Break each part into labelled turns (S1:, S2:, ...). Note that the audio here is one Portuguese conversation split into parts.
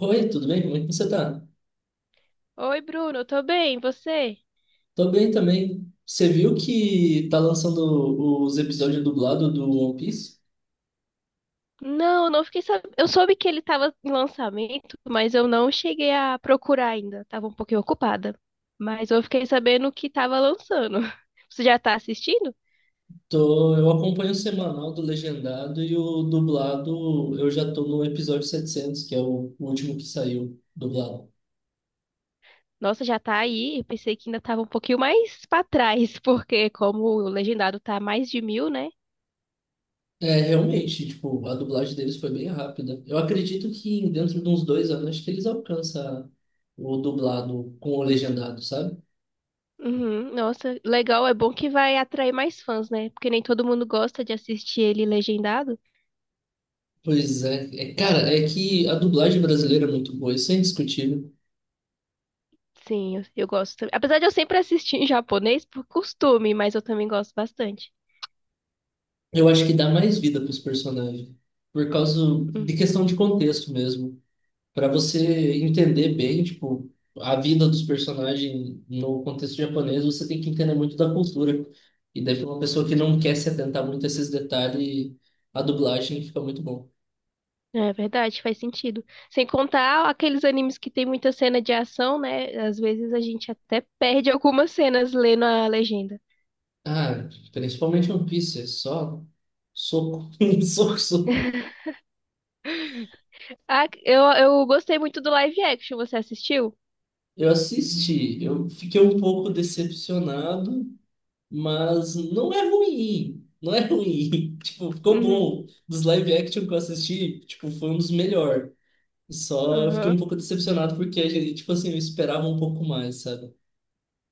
S1: Oi, tudo bem? Como é que você tá?
S2: Oi, Bruno, eu tô bem, e você?
S1: Tô bem também. Você viu que tá lançando os episódios dublados do One Piece?
S2: Não, eu não fiquei sabendo. Eu soube que ele tava em lançamento, mas eu não cheguei a procurar ainda. Tava um pouquinho ocupada. Mas eu fiquei sabendo que tava lançando. Você já tá assistindo?
S1: Tô, eu acompanho o semanal do legendado e o dublado, eu já tô no episódio 700, que é o último que saiu dublado.
S2: Nossa, já tá aí. Eu pensei que ainda tava um pouquinho mais pra trás, porque como o legendado tá mais de mil, né?
S1: É, realmente, tipo, a dublagem deles foi bem rápida. Eu acredito que dentro de uns 2 anos, acho que eles alcançam o dublado com o legendado, sabe?
S2: Uhum, nossa, legal. É bom que vai atrair mais fãs, né? Porque nem todo mundo gosta de assistir ele legendado.
S1: Pois é. É, cara, é que a dublagem brasileira é muito boa, isso é indiscutível.
S2: Sim, eu gosto também. Apesar de eu sempre assistir em japonês por costume, mas eu também gosto bastante.
S1: Eu acho que dá mais vida para os personagens, por causa
S2: Hum,
S1: de questão de contexto mesmo, para você entender bem, tipo, a vida dos personagens no contexto japonês, você tem que entender muito da cultura. E daí para uma pessoa que não quer se atentar muito a esses detalhes, a dublagem fica muito bom.
S2: É verdade, faz sentido. Sem contar aqueles animes que tem muita cena de ação, né? Às vezes a gente até perde algumas cenas lendo a legenda.
S1: Ah, principalmente One Piece, é só soco, soco, soco.
S2: Ah, eu gostei muito do live action, você assistiu?
S1: Eu assisti, eu fiquei um pouco decepcionado, mas não é ruim. Não é ruim. Tipo, ficou
S2: Uhum.
S1: bom. Dos live action que eu assisti, tipo, foi um dos melhores. Só fiquei um
S2: Aham.
S1: pouco decepcionado porque, tipo assim, eu esperava um pouco mais, sabe?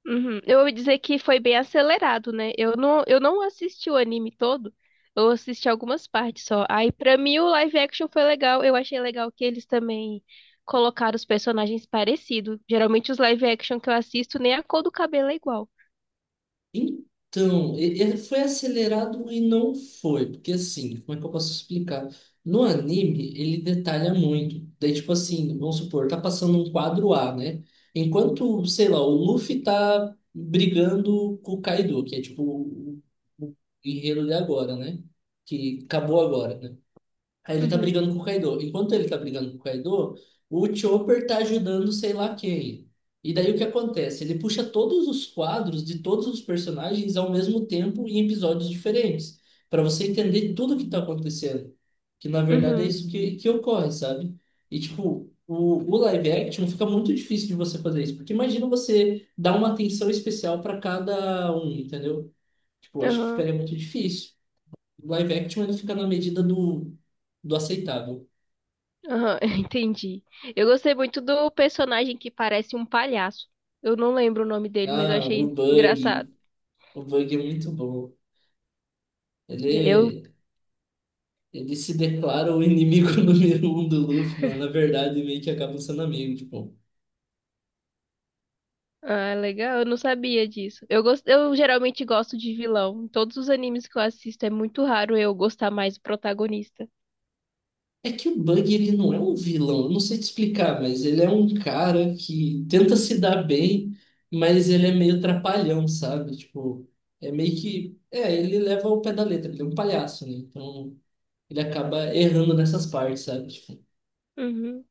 S2: Uhum. Eu ouvi dizer que foi bem acelerado, né? Eu não assisti o anime todo, eu assisti algumas partes só. Aí, pra mim, o live action foi legal. Eu achei legal que eles também colocaram os personagens parecidos. Geralmente, os live action que eu assisto, nem a cor do cabelo é igual.
S1: Então, ele foi acelerado e não foi, porque assim, como é que eu posso explicar? No anime, ele detalha muito. Daí, tipo assim, vamos supor, tá passando um quadro A, né? Enquanto, sei lá, o Luffy tá brigando com o Kaido, que é tipo o guerreiro de agora, né? Que acabou agora, né? Aí ele tá
S2: Uhum,
S1: brigando com o Kaido. Enquanto ele tá brigando com o Kaido, o Chopper tá ajudando sei lá quem. E daí o que acontece? Ele puxa todos os quadros de todos os personagens ao mesmo tempo em episódios diferentes, para você entender tudo o que tá acontecendo. Que na verdade é
S2: uhum,
S1: isso que ocorre, sabe? E tipo, o live action fica muito difícil de você fazer isso, porque imagina você dar uma atenção especial para cada um, entendeu? Tipo, eu acho que
S2: aham.
S1: ficaria muito difícil. O live action ele fica na medida do aceitável.
S2: Aham, entendi. Eu gostei muito do personagem que parece um palhaço. Eu não lembro o nome dele, mas eu
S1: Ah, o
S2: achei engraçado.
S1: Bug. O Bug é muito bom.
S2: Eu,
S1: Ele, ele se declara o inimigo número um do Luffy, mano. Na verdade, meio que acaba sendo amigo, tipo.
S2: ah, legal, eu não sabia disso. Eu geralmente gosto de vilão. Em todos os animes que eu assisto, é muito raro eu gostar mais do protagonista.
S1: É que o Bug, ele não é um vilão. Eu não sei te explicar, mas ele é um cara que tenta se dar bem, mas ele é meio trapalhão, sabe? Tipo, é meio que... É, ele leva ao pé da letra. Ele é um palhaço, né? Então, ele acaba errando nessas partes, sabe? Tipo,
S2: Uhum.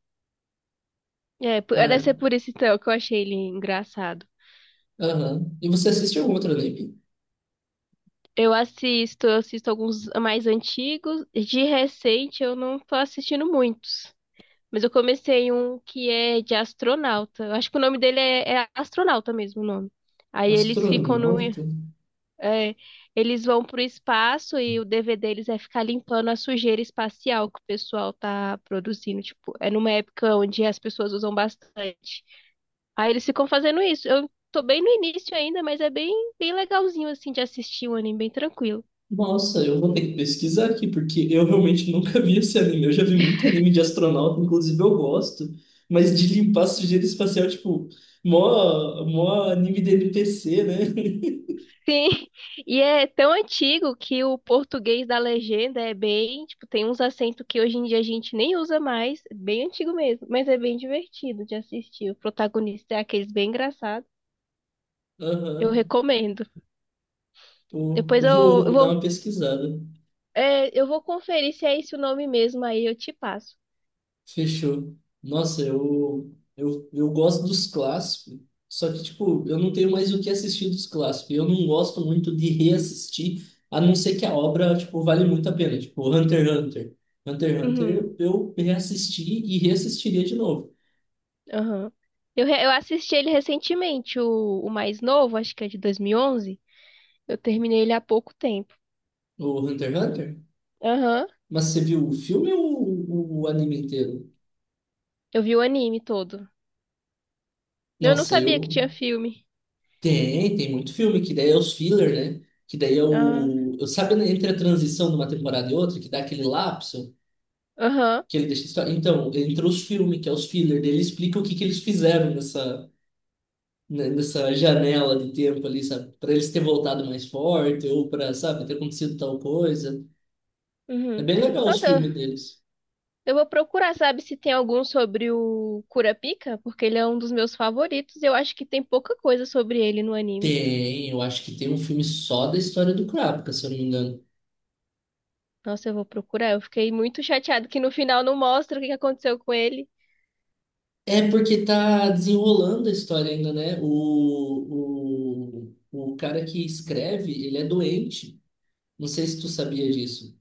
S2: É, deve
S1: ah,
S2: ser por isso então que eu achei ele engraçado.
S1: aham. E você assiste algum outro anime?
S2: Eu assisto alguns mais antigos. De recente eu não tô assistindo muitos. Mas eu comecei um que é de astronauta. Eu acho que o nome dele é astronauta mesmo, o nome. Aí eles ficam no.
S1: Astronauta?
S2: é, eles vão pro espaço e o dever deles é ficar limpando a sujeira espacial que o pessoal tá produzindo. Tipo, é numa época onde as pessoas usam bastante. Aí eles ficam fazendo isso. Eu tô bem no início ainda, mas é bem, bem legalzinho assim de assistir um anime bem tranquilo.
S1: Nossa, eu vou ter que pesquisar aqui, porque eu realmente nunca vi esse anime. Eu já vi muito anime de astronauta, inclusive eu gosto, mas de limpar sujeira espacial, tipo, mó, mó anime de NPC, né?
S2: Sim, e é tão antigo que o português da legenda é bem, tipo, tem uns acentos que hoje em dia a gente nem usa mais, bem antigo mesmo, mas é bem divertido de assistir. O protagonista é aqueles bem engraçado. Eu
S1: Aham.
S2: recomendo.
S1: Pô,
S2: Depois
S1: eu vou,
S2: eu, eu
S1: vou dar
S2: vou,
S1: uma pesquisada.
S2: é, eu vou conferir se é esse o nome mesmo, aí eu te passo.
S1: Fechou. Nossa, eu gosto dos clássicos, só que, tipo, eu não tenho mais o que assistir dos clássicos. Eu não gosto muito de reassistir, a não ser que a obra, tipo, vale muito a pena. Tipo, Hunter x Hunter. Hunter x Hunter
S2: Uhum.
S1: eu reassisti e reassistiria de novo.
S2: Aham. Eu assisti ele recentemente, o mais novo, acho que é de 2011. Eu terminei ele há pouco tempo.
S1: O Hunter x Hunter?
S2: Aham.
S1: Mas você viu o filme ou o anime inteiro?
S2: Eu vi o anime todo. Eu não
S1: Nossa,
S2: sabia que
S1: eu...
S2: tinha filme.
S1: Tem muito filme, que daí é os filler, né? Que daí é
S2: Ah,
S1: o... Eu, sabe, né, entre a transição de uma temporada e outra, que dá aquele lapso?
S2: aham.
S1: Que ele deixa Então, entre os filmes, que é os filler dele, explica o que que eles fizeram nessa, né, nessa janela de tempo ali, sabe? Pra eles ter voltado mais forte, ou pra, sabe, ter acontecido tal coisa. É
S2: Uhum.
S1: bem legal os
S2: Nossa, eu
S1: filmes deles.
S2: eu vou procurar, sabe, se tem algum sobre o Kurapika, porque ele é um dos meus favoritos. E Eu acho que tem pouca coisa sobre ele no anime.
S1: Tem, eu acho que tem um filme só da história do Krapka, se eu não me engano.
S2: Nossa, eu vou procurar. Eu fiquei muito chateado que no final não mostra o que que aconteceu com ele.
S1: É porque tá desenrolando a história ainda, né? O cara que escreve, ele é doente. Não sei se tu sabia disso.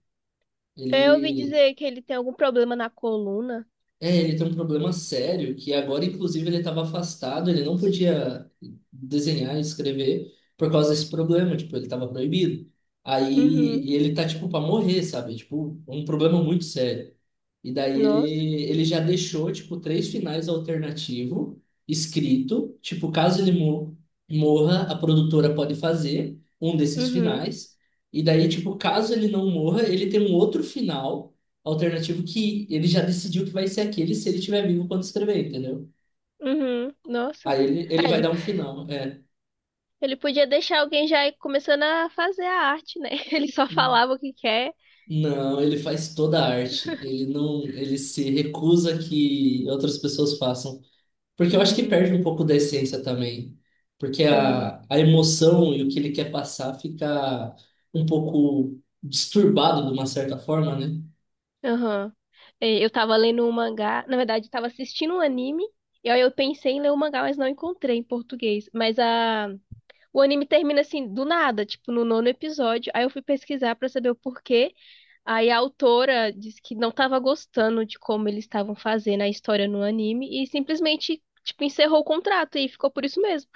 S2: Eu ouvi
S1: Ele,
S2: dizer que ele tem algum problema na coluna.
S1: É, ele tem um problema sério que agora, inclusive, ele estava afastado, ele não podia desenhar e escrever por causa desse problema, tipo, ele estava proibido. Aí
S2: Uhum.
S1: e ele tá, tipo, para morrer, sabe? Tipo, um problema muito sério. E daí
S2: Nossa.
S1: ele já deixou, tipo, três finais alternativos escrito, tipo, caso ele morra, a produtora pode fazer um desses
S2: Uhum.
S1: finais. E daí, tipo, caso ele não morra, ele tem um outro final alternativo que ele já decidiu que vai ser aquele se ele estiver vivo quando escrever, entendeu?
S2: Uhum. Nossa.
S1: Aí ele
S2: Ah,
S1: vai
S2: ele,
S1: dar um final, é.
S2: ele podia deixar alguém já ir começando a fazer a arte, né? Ele só falava o que quer.
S1: Não, ele faz toda a arte. Ele não, ele se recusa que outras pessoas façam. Porque eu acho que
S2: Uhum.
S1: perde um pouco da essência também. Porque
S2: Uhum.
S1: a emoção e o que ele quer passar fica um pouco disturbado de uma certa forma, né?
S2: Aham. É, eu tava lendo um mangá, na verdade, tava assistindo um anime, e aí eu pensei em ler o mangá, mas não encontrei em português. O anime termina assim, do nada, tipo, no nono episódio. Aí eu fui pesquisar pra saber o porquê. Aí a autora disse que não estava gostando de como eles estavam fazendo a história no anime e simplesmente, tipo, encerrou o contrato e ficou por isso mesmo.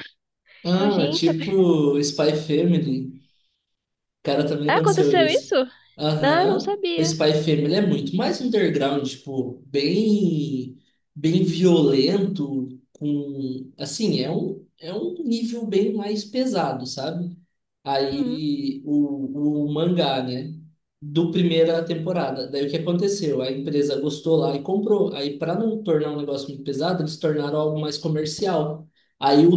S2: Eu,
S1: Ah,
S2: gente, a-
S1: tipo Spy Family. Cara, também
S2: ah,
S1: aconteceu
S2: aconteceu isso?
S1: isso.
S2: Não, eu não
S1: Aham. O
S2: sabia.
S1: Spy Family é muito mais underground, tipo, bem, bem violento, com, assim, é um nível bem mais pesado, sabe?
S2: Uhum,
S1: Aí o mangá, né? Do primeira temporada. Daí o que aconteceu? A empresa gostou lá e comprou. Aí, para não tornar um negócio muito pesado, eles tornaram algo mais comercial. Aí o,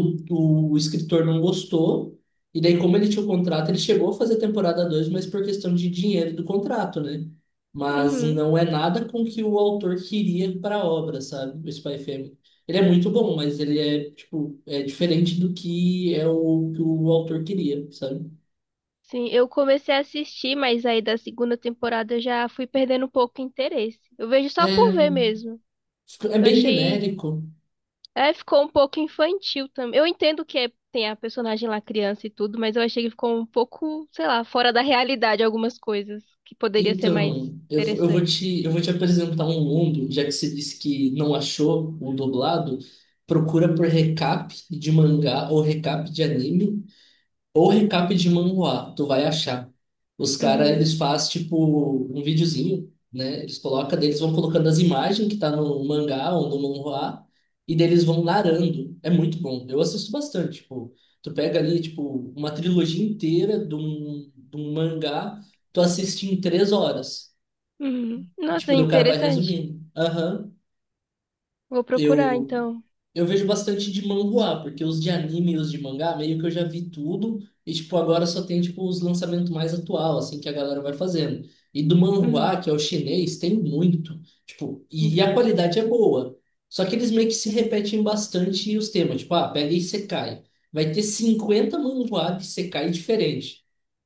S1: o escritor não gostou. E daí, como ele tinha o contrato, ele chegou a fazer temporada dois, mas por questão de dinheiro do contrato, né? Mas
S2: uhum.
S1: não é nada com que o autor queria para a obra, sabe? O Spy Family. Ele é muito bom, mas ele é, tipo, é diferente do que é o que o autor queria, sabe?
S2: Sim, eu comecei a assistir, mas aí da segunda temporada eu já fui perdendo um pouco o interesse. Eu vejo
S1: É,
S2: só por ver mesmo.
S1: tipo, é
S2: Eu
S1: bem
S2: achei
S1: genérico.
S2: É, ficou um pouco infantil também. Eu entendo que tem a personagem lá criança e tudo, mas eu achei que ficou um pouco, sei lá, fora da realidade algumas coisas que poderia ser mais
S1: Então,
S2: interessante.
S1: eu vou te apresentar um mundo, já que você disse que não achou o dublado, procura por recap de mangá ou recap de anime, ou recap de manhwa, tu vai achar. Os caras,
S2: Uhum.
S1: eles fazem, tipo, um videozinho, né? Eles colocam, daí eles vão colocando as imagens que tá no mangá ou no manhwa, e daí eles vão narrando. É muito bom. Eu assisto bastante, tipo, tu pega ali, tipo, uma trilogia inteira de um mangá, tu assiste em 3 horas.
S2: Uhum. Nossa,
S1: Tipo, daí o cara vai
S2: interessante.
S1: resumindo. Aham,
S2: Vou procurar
S1: eu
S2: então.
S1: eu vejo bastante de manhwa, porque os de anime e os de mangá, meio que eu já vi tudo, e tipo, agora só tem tipo os lançamentos mais atual, assim, que a galera vai fazendo. E do
S2: Uhum.
S1: manhwa, que é o chinês, tem muito. Tipo, e
S2: Uhum.
S1: a qualidade é boa. Só que eles meio que se repetem bastante os temas, tipo, ah, pega e secai. Vai ter 50 manhwa de secai diferente.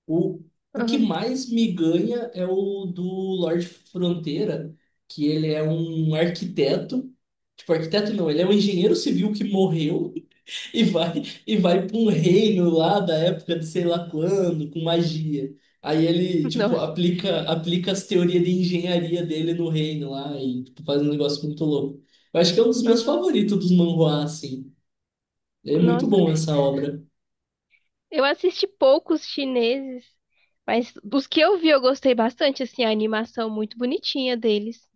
S1: O, o que
S2: Aham.
S1: mais me ganha é o do Lorde Fronteira, que ele é um arquiteto. Tipo, arquiteto não, ele é um engenheiro civil que morreu e vai e vai para um reino lá da época de sei lá quando, com magia. Aí ele, tipo,
S2: Nossa.
S1: aplica as teorias de engenharia dele no reino lá e tipo, faz um negócio muito louco. Eu acho que é um dos meus
S2: Aham.
S1: favoritos dos manhwa, assim. É muito
S2: Nossa.
S1: bom essa obra.
S2: Eu assisti poucos chineses, mas dos que eu vi eu gostei bastante, assim, a animação muito bonitinha deles.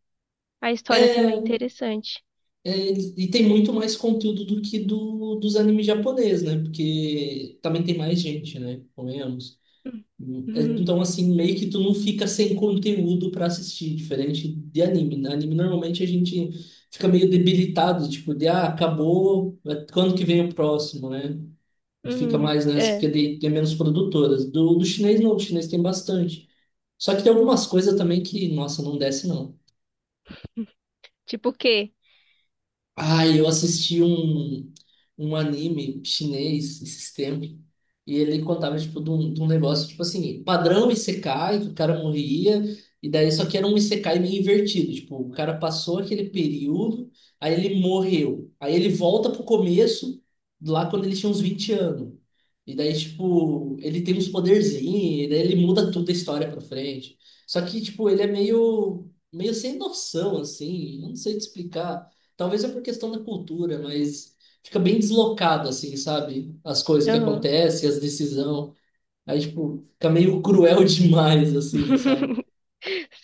S2: A história também
S1: É,
S2: é interessante.
S1: é, e tem muito mais conteúdo do que dos animes japoneses, né? Porque também tem mais gente, né? Convenhamos.
S2: Uhum.
S1: É,
S2: Uhum.
S1: então, assim, meio que tu não fica sem conteúdo pra assistir, diferente de anime, né? Anime, normalmente, a gente fica meio debilitado, tipo, de, ah, acabou, é, quando que vem o próximo, né? E fica
S2: Uhum.
S1: mais nessa,
S2: É.
S1: porque tem menos produtoras. Do chinês, não, do chinês tem bastante. Só que tem algumas coisas também que, nossa, não desce, não.
S2: Tipo o quê?
S1: Ai, eu assisti um anime chinês esses tempos, e ele contava, tipo, de um negócio, tipo assim, padrão Isekai, que o cara morria, e daí só que era um Isekai meio invertido, tipo, o cara passou aquele período, aí ele morreu, aí ele volta pro começo, lá quando ele tinha uns 20 anos, e daí, tipo, ele tem uns poderzinhos, e daí ele muda tudo a história pra frente, só que, tipo, ele é meio, meio sem noção, assim, eu não sei te explicar. Talvez é por questão da cultura, mas fica bem deslocado, assim, sabe? As coisas que
S2: Aham.
S1: acontecem, as decisões. Aí, tipo, fica meio cruel demais, assim, sabe?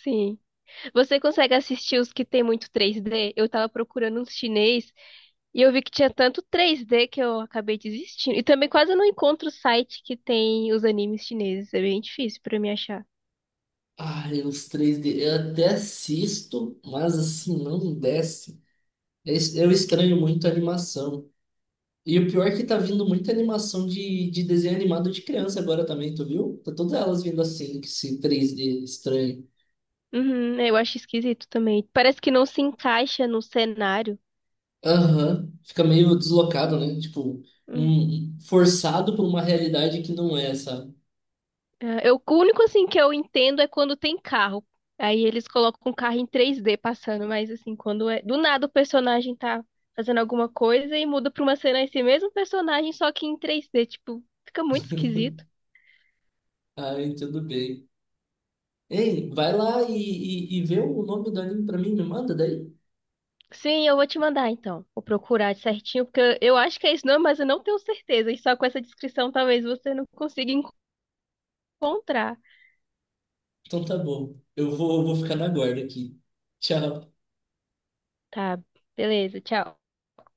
S2: Sim. Você consegue assistir os que tem muito 3D? Eu tava procurando uns chinês e eu vi que tinha tanto 3D que eu acabei desistindo. E também quase não encontro site que tem os animes chineses. É bem difícil pra mim achar.
S1: Ai, os 3D eu até assisto, mas assim, não desce. Eu estranho muito a animação. E o pior é que tá vindo muita animação de desenho animado de criança agora também, tu viu? Tá todas elas vindo assim, que esse 3D estranho.
S2: Uhum, eu acho esquisito também. Parece que não se encaixa no cenário.
S1: Aham, fica meio deslocado, né? Tipo, um, forçado por uma realidade que não é, sabe?
S2: É, o único assim que eu entendo é quando tem carro. Aí eles colocam um carro em 3D passando, mas assim, quando é do nada o personagem tá fazendo alguma coisa e muda pra uma cena esse mesmo personagem, só que em 3D, tipo, fica muito esquisito.
S1: Ah, eu entendo bem. Ei, vai lá e vê o nome do anime pra mim, me manda daí.
S2: Sim, eu vou te mandar então. Vou procurar certinho, porque eu acho que é isso não, mas eu não tenho certeza. E só com essa descrição talvez você não consiga encontrar.
S1: Então tá bom. Eu vou ficar na guarda aqui. Tchau.
S2: Tá, beleza, tchau.